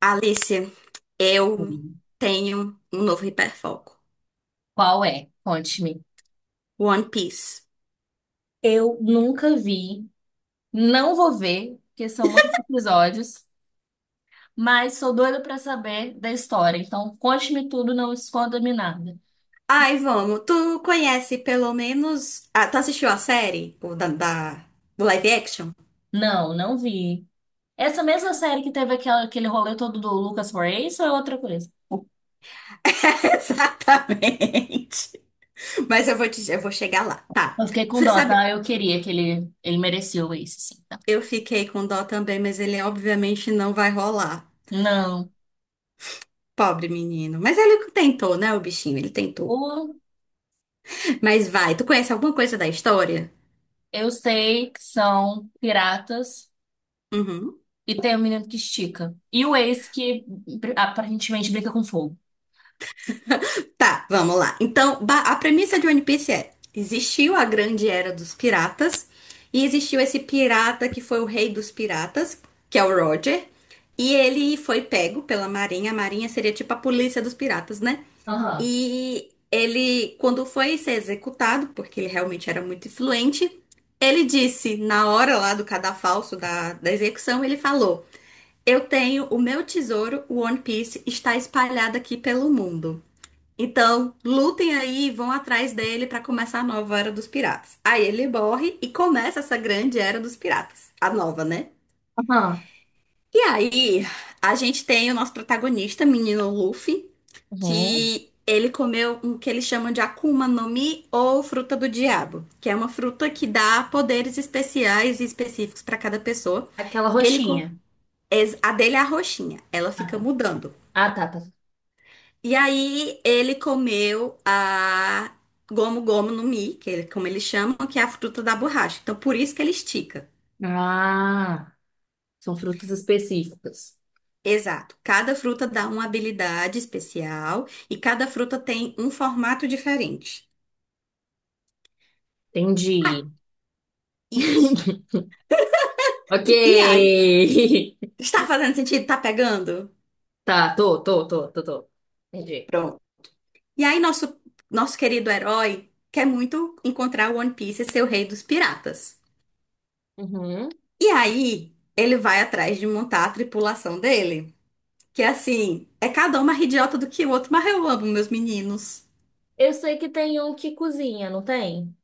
Alice, eu Sim. tenho um novo hiperfoco. Qual é? Conte-me. One Piece. Eu nunca vi, não vou ver, porque são muitos episódios, mas sou doida pra saber da história. Então, conte-me tudo, não esconda-me nada. Ai, vamos. Tu conhece pelo menos. Ah, tu assistiu a série? O do live action? Não, não vi. Essa mesma série que teve aquele rolê todo do Lucas for Ace ou é outra coisa? Exatamente. Mas eu vou chegar lá. Tá. Eu fiquei com Você dó, sabe, tá? Eu queria que ele merecia o Ace, sim, tá? eu fiquei com dó também, mas ele obviamente não vai rolar. Não. Pobre menino. Mas ele tentou, né, o bichinho? Ele tentou. O, Mas vai. Tu conhece alguma coisa da história? eu sei que são piratas Uhum. e tem um menino que estica. E o Ace que aparentemente brinca com fogo. Tá, vamos lá. Então, a premissa de One Piece é: existiu a grande era dos piratas, e existiu esse pirata que foi o rei dos piratas, que é o Roger, e ele foi pego pela Marinha. A Marinha seria tipo a polícia dos piratas, né? Aham. E ele, quando foi ser executado, porque ele realmente era muito influente, ele disse, na hora lá do cadafalso da execução, ele falou: Eu tenho o meu tesouro, o One Piece, está espalhado aqui pelo mundo. Então, lutem aí e vão atrás dele para começar a nova Era dos Piratas. Aí ele morre e começa essa grande Era dos Piratas, a nova, né? Aham. E aí, a gente tem o nosso protagonista, menino Luffy, Uhum. que ele comeu o que eles chamam de Akuma no Mi ou fruta do diabo, que é uma fruta que dá poderes especiais e específicos para cada pessoa. Aquela E roxinha. A dele é a roxinha, ela Ah, fica tá. mudando. Ah, tá, tá. E aí ele comeu a gomo gomo no mi, que ele, como eles chamam, que é a fruta da borracha. Então por isso que ele estica. Ah, são frutas específicas. Exato. Cada fruta dá uma habilidade especial e cada fruta tem um formato diferente. Ah, Entendi. isso. Ok. E aí? Está fazendo sentido? Tá pegando? Tá, tô, tô, tô, tô, tô. Entendi. Pronto. E aí nosso querido herói quer muito encontrar o One Piece e ser o rei dos piratas. Uhum. E aí ele vai atrás de montar a tripulação dele. Que é assim, é cada um mais idiota do que o outro, mas eu amo meus meninos. Eu sei que tem um que cozinha, não tem?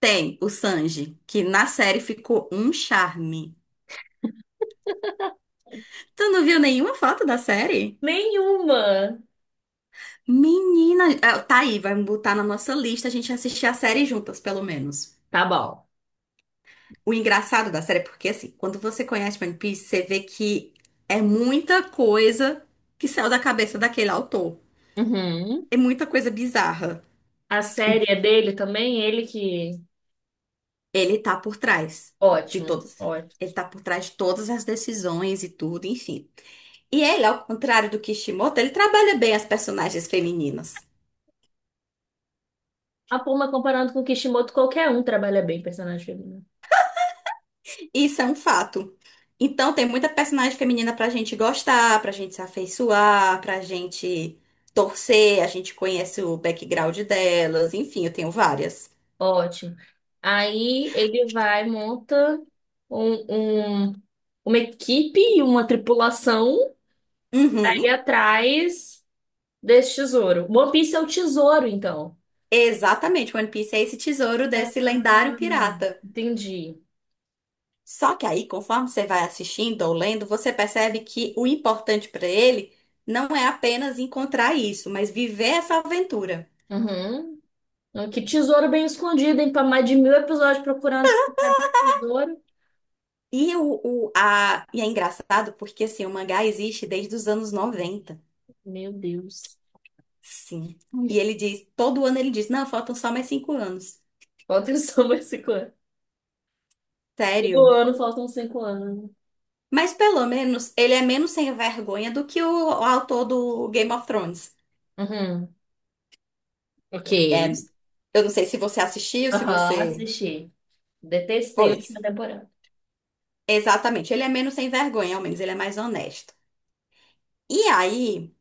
Tem o Sanji, que na série ficou um charme. Tu não viu nenhuma foto da série? Nenhuma. Menina, ah, tá aí, vai botar na nossa lista a gente assistir a série juntas, pelo menos. Tá bom. O engraçado da série é porque, assim, quando você conhece One Piece, você vê que é muita coisa que saiu da cabeça daquele autor. Uhum. É muita coisa bizarra. A série é dele também, ele que. Ele tá por trás de Ótimo, todas. ótimo. Ele tá por trás de todas as decisões e tudo, enfim. E ele, ao contrário do Kishimoto, ele trabalha bem as personagens femininas. A Puma, comparando com o Kishimoto, qualquer um trabalha bem personagem feminino. Isso é um fato. Então tem muita personagem feminina pra gente gostar, pra gente se afeiçoar, pra gente torcer, a gente conhece o background delas, enfim, eu tenho várias. Ótimo. Aí ele vai, monta um, um- uma equipe e uma tripulação aí Uhum. atrás desse tesouro. One Piece é o tesouro, então. Exatamente, One Piece é esse tesouro desse lendário pirata. Entendi. Só que aí, conforme você vai assistindo ou lendo, você percebe que o importante pra ele não é apenas encontrar isso, mas viver essa aventura. Uhum. Que tesouro bem escondido, hein? Para mais de 1.000 episódios procurando esse cadê o tesouro. E, o, e é engraçado porque assim, o mangá existe desde os anos 90. Meu Deus. Sim. E ele diz, todo ano ele diz, não, faltam só mais 5 anos. Falta só mais 5 anos. Todo Sério. ano faltam 5 anos. Mas pelo menos ele é menos sem vergonha do que o autor do Game of Thrones. Uhum. Ok. É, eu não sei se você assistiu, se Aham, você. assisti. Detestei a Pois. última temporada. Exatamente. Ele é menos sem vergonha, ao menos ele é mais honesto. E aí,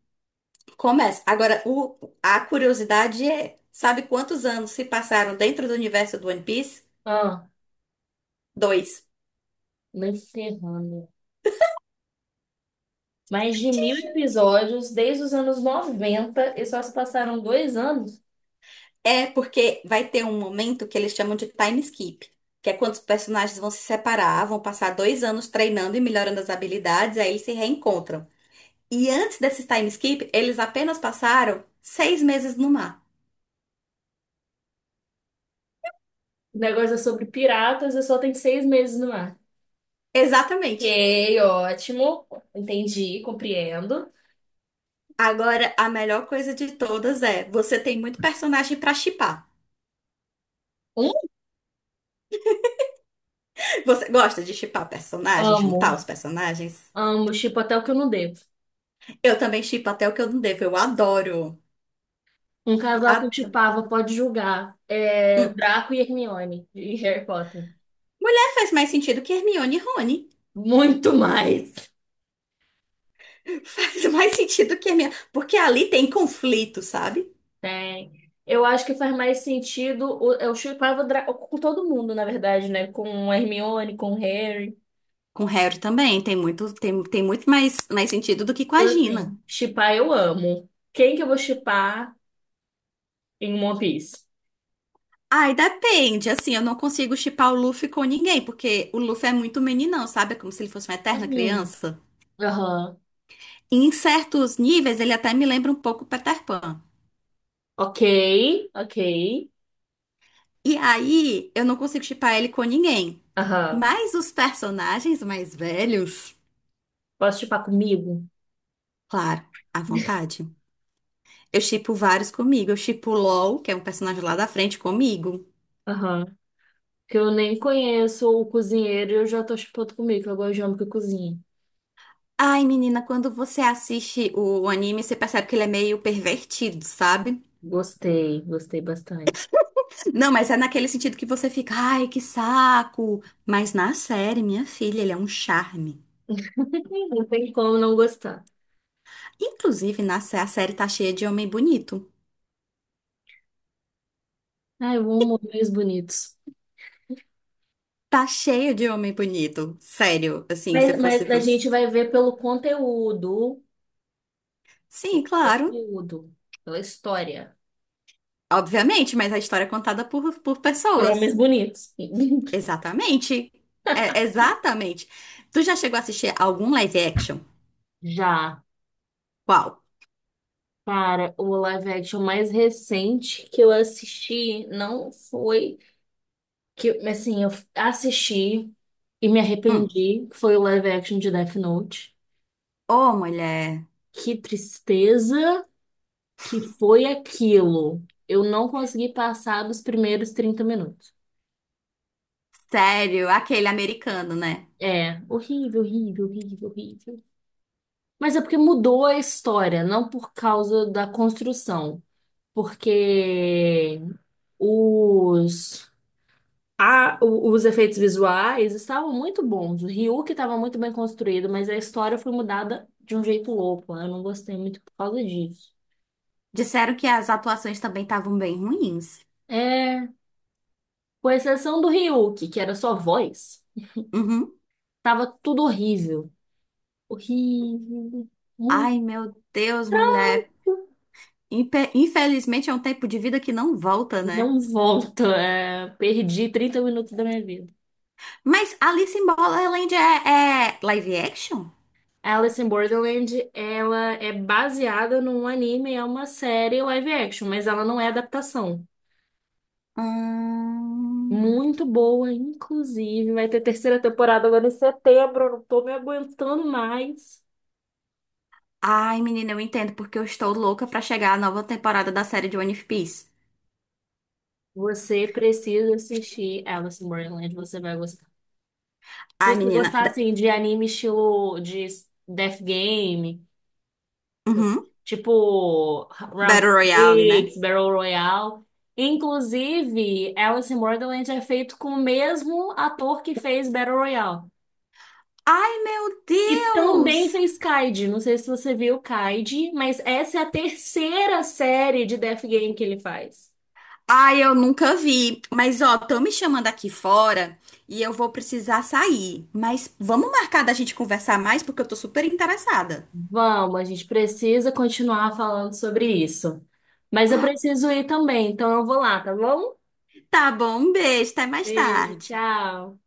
começa. Agora, a curiosidade é, sabe quantos anos se passaram dentro do universo do One Piece? Ah. Dois. Nem ferrando. Mais de mil episódios desde os anos 90 e só se passaram 2 anos. É porque vai ter um momento que eles chamam de time skip, que é quando os personagens vão se separar, vão passar 2 anos treinando e melhorando as habilidades, aí eles se reencontram. E antes desse time skip, eles apenas passaram 6 meses no mar. O negócio é sobre piratas e só tem 6 meses no ar. Exatamente. Ok, ótimo. Entendi, compreendo. Agora, a melhor coisa de todas é, você tem muito personagem pra shippar. Um, Você gosta de shippar personagens, juntar Amo. os personagens? Amo, shippo até o que eu não devo. Eu também shippo até o que eu não devo, eu adoro. Um casal que eu Adoro. chipava, pode julgar: é Hum. Draco e Hermione, de Harry Potter. Mulher faz mais sentido que Hermione e Rony. Muito mais. Faz mais sentido que a minha. Porque ali tem conflito, sabe? Tem. Eu acho que faz mais sentido. Eu chipava Draco com todo mundo, na verdade, né? Com a Hermione, com o Harry. Com Harry também. Tem muito, tem muito mais, mais sentido do que com Então, a Gina. assim, shippar eu amo. Quem que eu vou shippar em One Piece? Ai, depende. Assim, eu não consigo chipar o Luffy com ninguém, porque o Luffy é muito meninão, sabe? É como se ele fosse uma eterna Uhum. criança. Aham. E em certos níveis, ele até me lembra um pouco o Peter Pan. Ok, ok. E aí, eu não consigo chipar ele com ninguém. Aham. Mas os personagens mais velhos, Posso shippar comigo? claro, à vontade. Eu shippo vários comigo. Eu shippo o LOL, que é um personagem lá da frente, comigo. Aham. Que eu nem conheço o cozinheiro e eu já tô shippando comigo, que eu gosto de homem que cozinha. Ai, menina, quando você assiste o anime, você percebe que ele é meio pervertido, sabe? Gostei, gostei bastante. Não, mas é naquele sentido que você fica, ai, que saco. Mas na série, minha filha, ele é um charme. Não tem como não gostar. Inclusive, a série tá cheia de homem bonito. Ai, eu amo homens bonitos. Tá cheia de homem bonito. Sério, assim, se eu fosse Mas a você. gente vai ver pelo conteúdo, Sim, claro. conteúdo, pela história. Obviamente, mas a história é contada por Por pessoas. homens bonitos. Exatamente. É, exatamente. Tu já chegou a assistir algum live action? Já. Qual? Cara, o live action mais recente que eu assisti não foi que, assim, eu assisti e me Hum. arrependi, que foi o live action de Death Note. Ô, mulher. Que tristeza que foi aquilo. Eu não consegui passar dos primeiros 30 minutos. Sério, aquele americano, né? É, horrível, horrível, horrível, horrível. Mas é porque mudou a história, não por causa da construção. Porque os os efeitos visuais estavam muito bons. O Ryuk estava muito bem construído, mas a história foi mudada de um jeito louco. Eu não gostei muito por causa disso. Disseram que as atuações também estavam bem ruins. É, com exceção do Ryuk, que era só voz, Uhum. tava tudo horrível. Horrível. Hum, Ai, meu Deus, mulher. Infelizmente é um tempo de vida que não volta, né? Não volto. É, perdi 30 minutos da minha vida. Mas Alice in Borderland é live action? Alice in Borderland, ela é baseada num anime, é uma série live action, mas ela não é adaptação. Hum. Muito boa, inclusive. Vai ter terceira temporada agora em setembro. Eu não tô me aguentando mais. Ai, menina, eu entendo porque eu estou louca pra chegar à nova temporada da série de One Piece. Você precisa assistir Alice in Borderland, você vai gostar. Se Ai, você menina. gostar, assim, de anime estilo de Death Game, Uhum. tipo Round Battle Royale, né? Six, Battle Royale. Inclusive, Alice in Borderland é feito com o mesmo ator que fez Battle Royale. Ai, meu E também Deus! fez Kaid. Não sei se você viu Kaid, mas essa é a terceira série de Death Game que ele faz. Ai, eu nunca vi. Mas, ó, estão me chamando aqui fora e eu vou precisar sair. Mas vamos marcar da gente conversar mais porque eu tô super interessada. Vamos, a gente precisa continuar falando sobre isso. Mas eu preciso ir também, então eu vou lá, tá bom? Tá bom, um beijo, até mais Beijo, tarde. tchau.